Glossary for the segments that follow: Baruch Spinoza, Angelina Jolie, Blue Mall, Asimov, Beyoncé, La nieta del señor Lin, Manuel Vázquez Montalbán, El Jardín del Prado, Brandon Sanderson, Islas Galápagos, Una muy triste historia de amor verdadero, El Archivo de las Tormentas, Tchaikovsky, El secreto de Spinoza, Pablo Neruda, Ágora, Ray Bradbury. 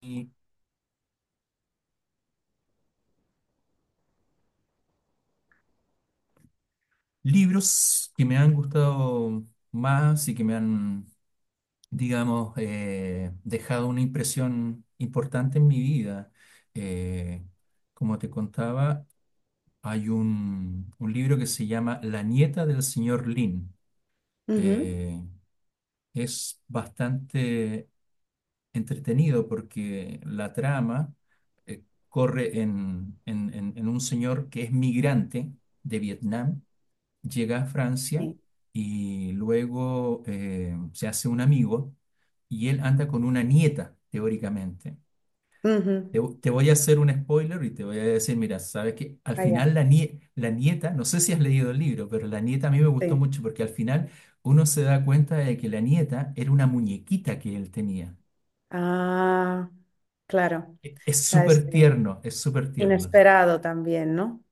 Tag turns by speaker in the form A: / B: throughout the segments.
A: Y libros que me han gustado más y que me han, digamos, dejado una impresión importante en mi vida. Eh, Como te contaba, hay un libro que se llama La nieta del señor Lin.
B: Ujú.
A: Eh, es bastante entretenido porque la trama corre en un señor que es migrante de Vietnam, llega a Francia
B: Sí,
A: y luego se hace un amigo y él anda con una nieta, teóricamente.
B: ujú.
A: Te voy a hacer un spoiler y te voy a decir, mira, sabes que al
B: Allá.
A: final la nieta, no sé si has leído el libro, pero la nieta a mí me gustó
B: Sí.
A: mucho porque al final uno se da cuenta de que la nieta era una muñequita que él tenía.
B: Ah, claro. O
A: Es
B: sea, es
A: súper tierno, es súper tierno.
B: inesperado también, ¿no?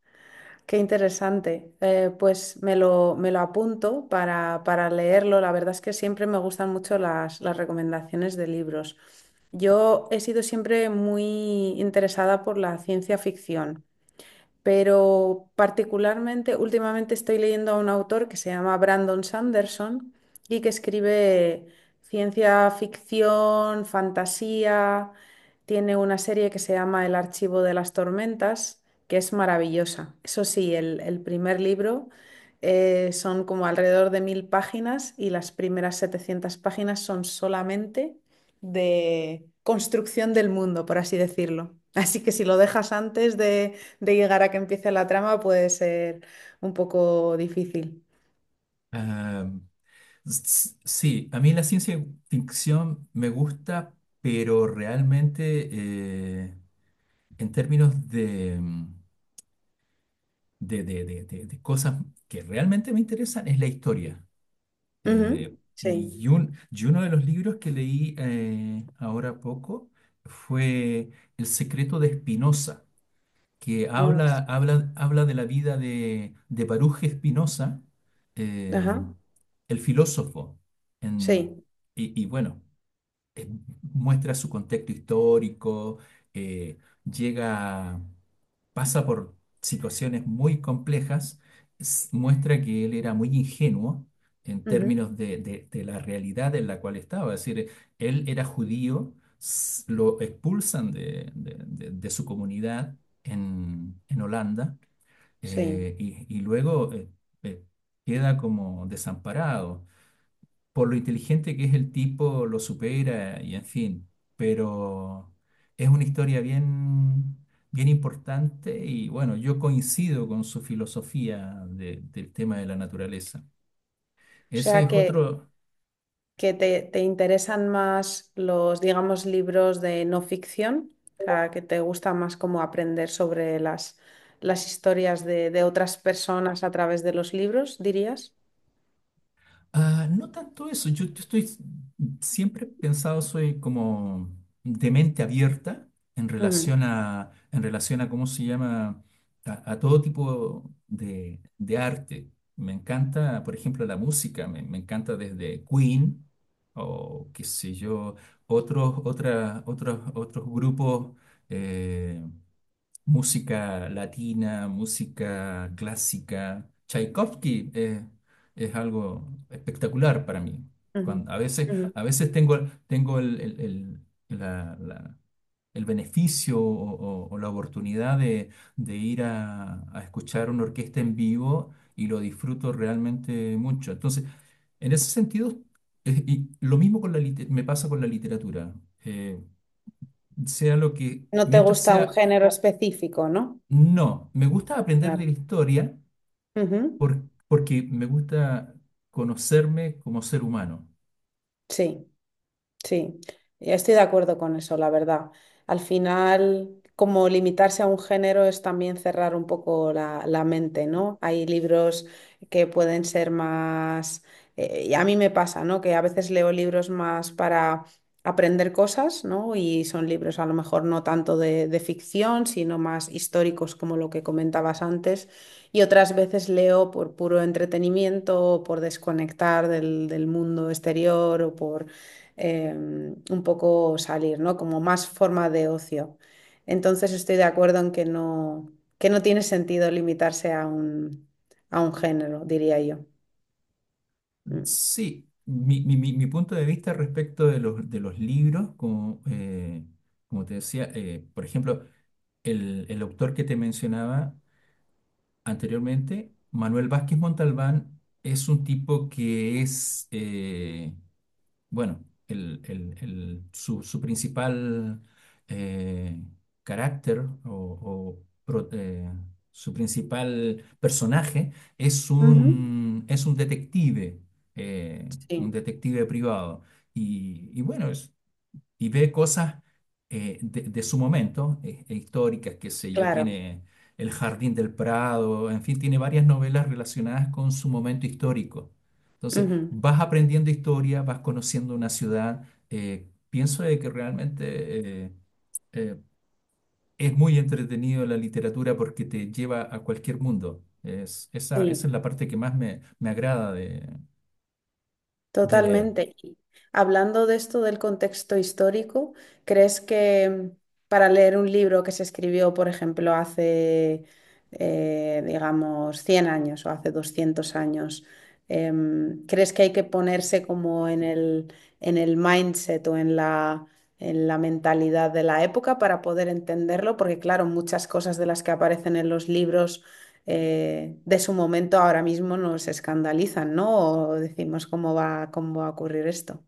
B: Qué interesante. Pues me lo apunto para leerlo. La verdad es que siempre me gustan mucho las recomendaciones de libros. Yo he sido siempre muy interesada por la ciencia ficción. Pero particularmente últimamente estoy leyendo a un autor que se llama Brandon Sanderson y que escribe ciencia ficción, fantasía, tiene una serie que se llama El Archivo de las Tormentas, que es maravillosa. Eso sí, el primer libro son como alrededor de 1000 páginas y las primeras 700 páginas son solamente de construcción del mundo, por así decirlo. Así que si lo dejas antes de llegar a que empiece la trama puede ser un poco difícil.
A: Sí, a mí la ciencia ficción me gusta, pero realmente eh, en términos de, de cosas que realmente me interesan es la historia.
B: Ujú. Sí.
A: Y, y uno de los libros que leí ahora poco fue El secreto de Spinoza, que
B: Ah, s-
A: habla de la vida de Baruch Spinoza, eh,
B: ajá.
A: el filósofo. En,
B: Sí.
A: y bueno. eh, Muestra su contexto histórico, eh, llega, pasa por situaciones muy complejas, muestra que él era muy ingenuo en
B: Ujú.
A: términos de, de la realidad en la cual estaba. Es decir, él era judío, lo expulsan de su comunidad en Holanda,
B: Sí.
A: y luego eh, queda como desamparado por lo inteligente que es el tipo, lo supera y en fin, pero es una historia bien, bien importante y bueno, yo coincido con su filosofía del tema de la naturaleza.
B: O sea
A: Ese es otro.
B: que te interesan más los, digamos, libros de no ficción, o sea, que te gusta más como aprender sobre las historias de otras personas a través de los libros, dirías.
A: Ah, no tanto eso, yo estoy, siempre he pensado, soy como de mente abierta
B: Ujú,
A: en relación a cómo se llama, a todo tipo de arte. Me encanta, por ejemplo, la música, me encanta desde Queen o qué sé yo, otros, otras, otros grupos, eh, música latina, música clásica. Tchaikovsky es algo espectacular para mí.
B: ujú,
A: A veces, a
B: ujú.
A: veces tengo, tengo el beneficio o la oportunidad de ir a escuchar una orquesta en vivo y lo disfruto realmente mucho. Entonces, en ese sentido, y lo mismo con la me pasa con la literatura. Eh, Sea lo que,
B: No te
A: mientras
B: gusta un
A: sea.
B: género específico, ¿no?
A: No, me gusta aprender de
B: Claro.
A: la historia
B: Ujú.
A: por- porque me gusta conocerme como ser humano.
B: Sí. Sí, estoy de acuerdo con eso, la verdad. Al final, como limitarse a un género es también cerrar un poco la mente, ¿no? Hay libros que pueden ser más, y a mí me pasa, ¿no? Que a veces leo libros más para aprender cosas, ¿no? Y son libros a lo mejor no tanto de ficción, sino más históricos como lo que comentabas antes. Y otras veces leo por puro entretenimiento, o por desconectar del, del mundo exterior o por un poco salir, ¿no? Como más forma de ocio. Entonces estoy de acuerdo en que no tiene sentido limitarse a un género, diría yo. Mm.
A: Sí, mi punto de vista respecto de los libros, como, como te decía, por ejemplo, el autor que te mencionaba anteriormente, Manuel Vázquez Montalbán, es un tipo que es, bueno, su, su principal eh, carácter su principal personaje
B: Ujú.
A: es
B: Sí.
A: un
B: Sí,
A: detective privado. Y bueno, es, y ve cosas de su momento, históricas, qué sé yo,
B: claro.
A: tiene El Jardín del Prado, en fin, tiene varias novelas relacionadas con su momento histórico. Entonces,
B: Ujú.
A: vas aprendiendo historia, vas conociendo una ciudad. Pienso de que realmente eh, es muy entretenido la literatura porque te lleva a cualquier mundo. Es, esa es
B: Sí.
A: la parte que más me, me agrada de leer.
B: Totalmente. Y hablando de esto del contexto histórico, ¿crees que para leer un libro que se escribió, por ejemplo, hace, digamos, 100 años o hace 200 años, ¿crees que hay que ponerse como en el mindset o en la mentalidad de la época para poder entenderlo? Porque, claro, muchas cosas de las que aparecen en los libros de su momento ahora mismo nos escandalizan, ¿no? O decimos cómo va a ocurrir esto.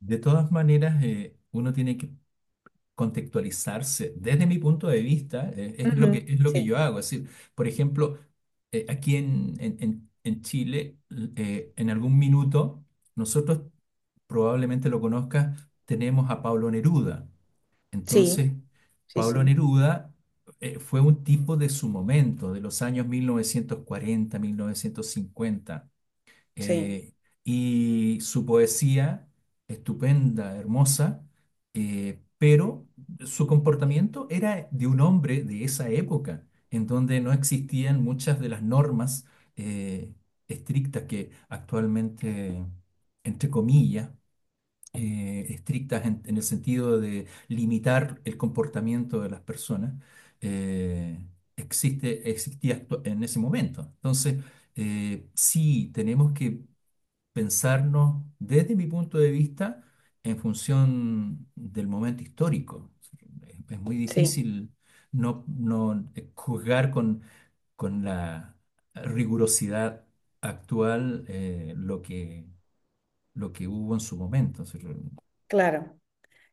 A: De todas maneras, uno tiene que contextualizarse desde mi punto de vista,
B: Ujú.
A: es lo que yo
B: Sí,
A: hago. Es decir, por ejemplo, aquí en, en Chile, en algún minuto, nosotros, probablemente lo conozcas, tenemos a Pablo Neruda.
B: sí,
A: Entonces,
B: sí,
A: Pablo
B: sí,
A: Neruda fue un tipo de su momento, de los años mil, mil novecientos cuarenta, mil novecientos cincuenta,
B: sí,
A: eh, y su poesía, estupenda, hermosa, pero su comportamiento era de un hombre de esa época, en donde no existían muchas de las normas eh, estrictas que actualmente, entre comillas, estrictas en el sentido de limitar el comportamiento de las personas, eh, existe, en ese momento. Entonces, sí, tenemos que pensarnos desde mi punto de vista en función del momento histórico. Es muy
B: sí,
A: difícil no, juzgar con la rigurosidad actual lo que hubo en su momento. O sea,
B: claro.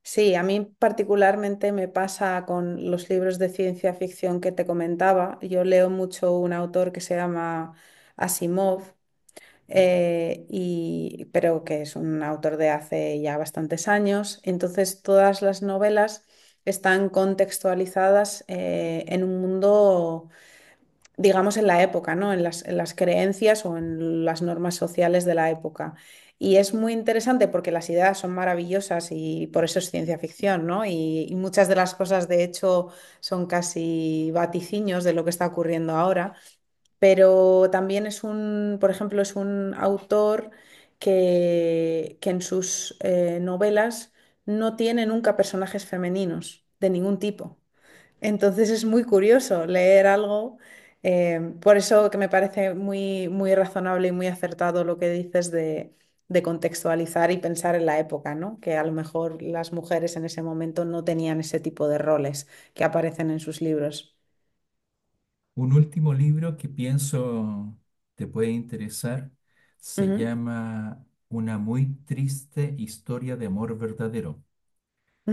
B: Sí, a mí particularmente me pasa con los libros de ciencia ficción que te comentaba. Yo leo mucho un autor que se llama Asimov y, pero que es un autor de hace ya bastantes años. Entonces, todas las novelas están contextualizadas en un mundo, digamos, en la época, ¿no? En en las creencias o en las normas sociales de la época. Y es muy interesante porque las ideas son maravillosas y por eso es ciencia ficción, ¿no? Y muchas de las cosas, de hecho, son casi vaticinios de lo que está ocurriendo ahora, pero también es un, por ejemplo, es un autor que en sus novelas no tiene nunca personajes femeninos de ningún tipo. Entonces es muy curioso leer algo, por eso que me parece muy razonable y muy acertado lo que dices de contextualizar y pensar en la época, ¿no? Que a lo mejor las mujeres en ese momento no tenían ese tipo de roles que aparecen en sus libros.
A: un último libro que pienso te puede interesar se
B: Ujú,
A: llama Una muy triste historia de amor verdadero.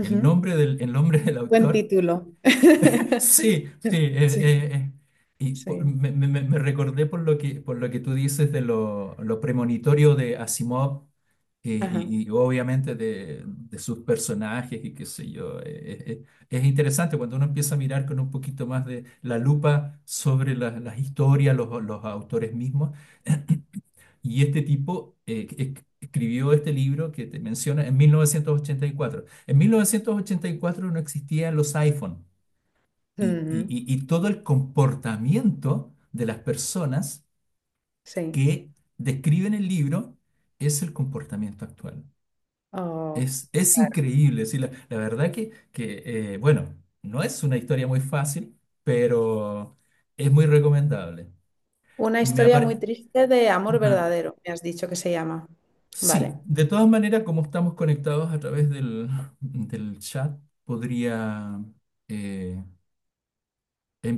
A: El nombre el nombre del
B: Buen
A: autor.
B: título.
A: Sí, sí.
B: Sí,
A: Y
B: sí.
A: me, me recordé por lo que tú dices de lo premonitorio de Asimov y,
B: Ajá.
A: y obviamente de sus personajes y qué sé yo. Es interesante cuando uno empieza a mirar con un poquito más de la lupa sobre las historias, los autores mismos. Y este tipo escribió este libro que te menciona en 1984. En 1984 no existían los iPhone y,
B: Ujú.
A: y todo el comportamiento de las personas
B: Sí.
A: que describen el libro es el comportamiento actual.
B: Oh.
A: Es increíble, sí, la verdad que bueno, no es una historia muy fácil, pero es muy recomendable.
B: Una
A: Me
B: historia muy
A: apare-
B: triste de amor
A: Ajá.
B: verdadero, me has dicho que se llama.
A: Sí,
B: Vale.
A: de todas maneras, como estamos conectados a través del, del chat, podría eh,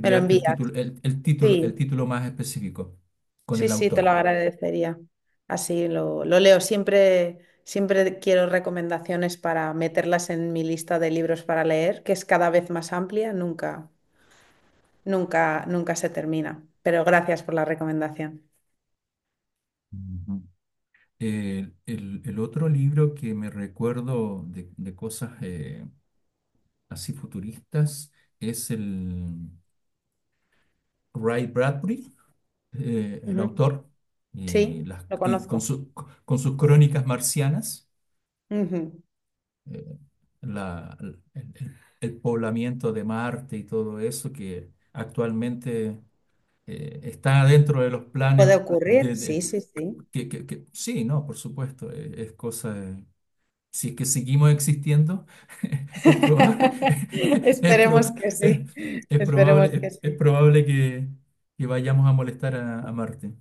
B: ¿Me lo
A: el
B: envías?
A: título, el título, el
B: Sí,
A: título más específico con
B: sí,
A: el
B: sí, te lo
A: autor.
B: agradecería. Así lo leo. Siempre, siempre quiero recomendaciones para meterlas en mi lista de libros para leer, que es cada vez más amplia, nunca, nunca, nunca se termina. Pero gracias por la recomendación.
A: Ujú. El otro libro que me recuerdo de cosas así futuristas es el Ray Bradbury, el
B: Ujú.
A: autor, y,
B: Sí, lo
A: y con,
B: conozco.
A: con sus crónicas marcianas,
B: Ujú.
A: eh, el, el poblamiento de Marte y todo eso que actualmente está dentro de los planes
B: Puede ocurrir,
A: de,
B: sí, sí, sí.
A: que, sí, no, por supuesto, es cosa de, si es que seguimos existiendo, es probable, es,
B: Esperemos que
A: es-
B: sí,
A: es
B: esperemos
A: probable,
B: que
A: es
B: sí.
A: probable que vayamos a molestar a Marte.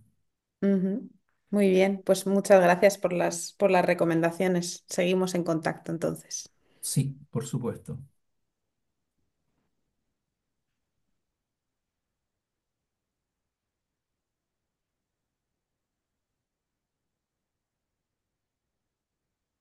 B: Ujú. Muy bien, pues muchas gracias por las recomendaciones. Seguimos en contacto entonces.
A: Sí, por supuesto.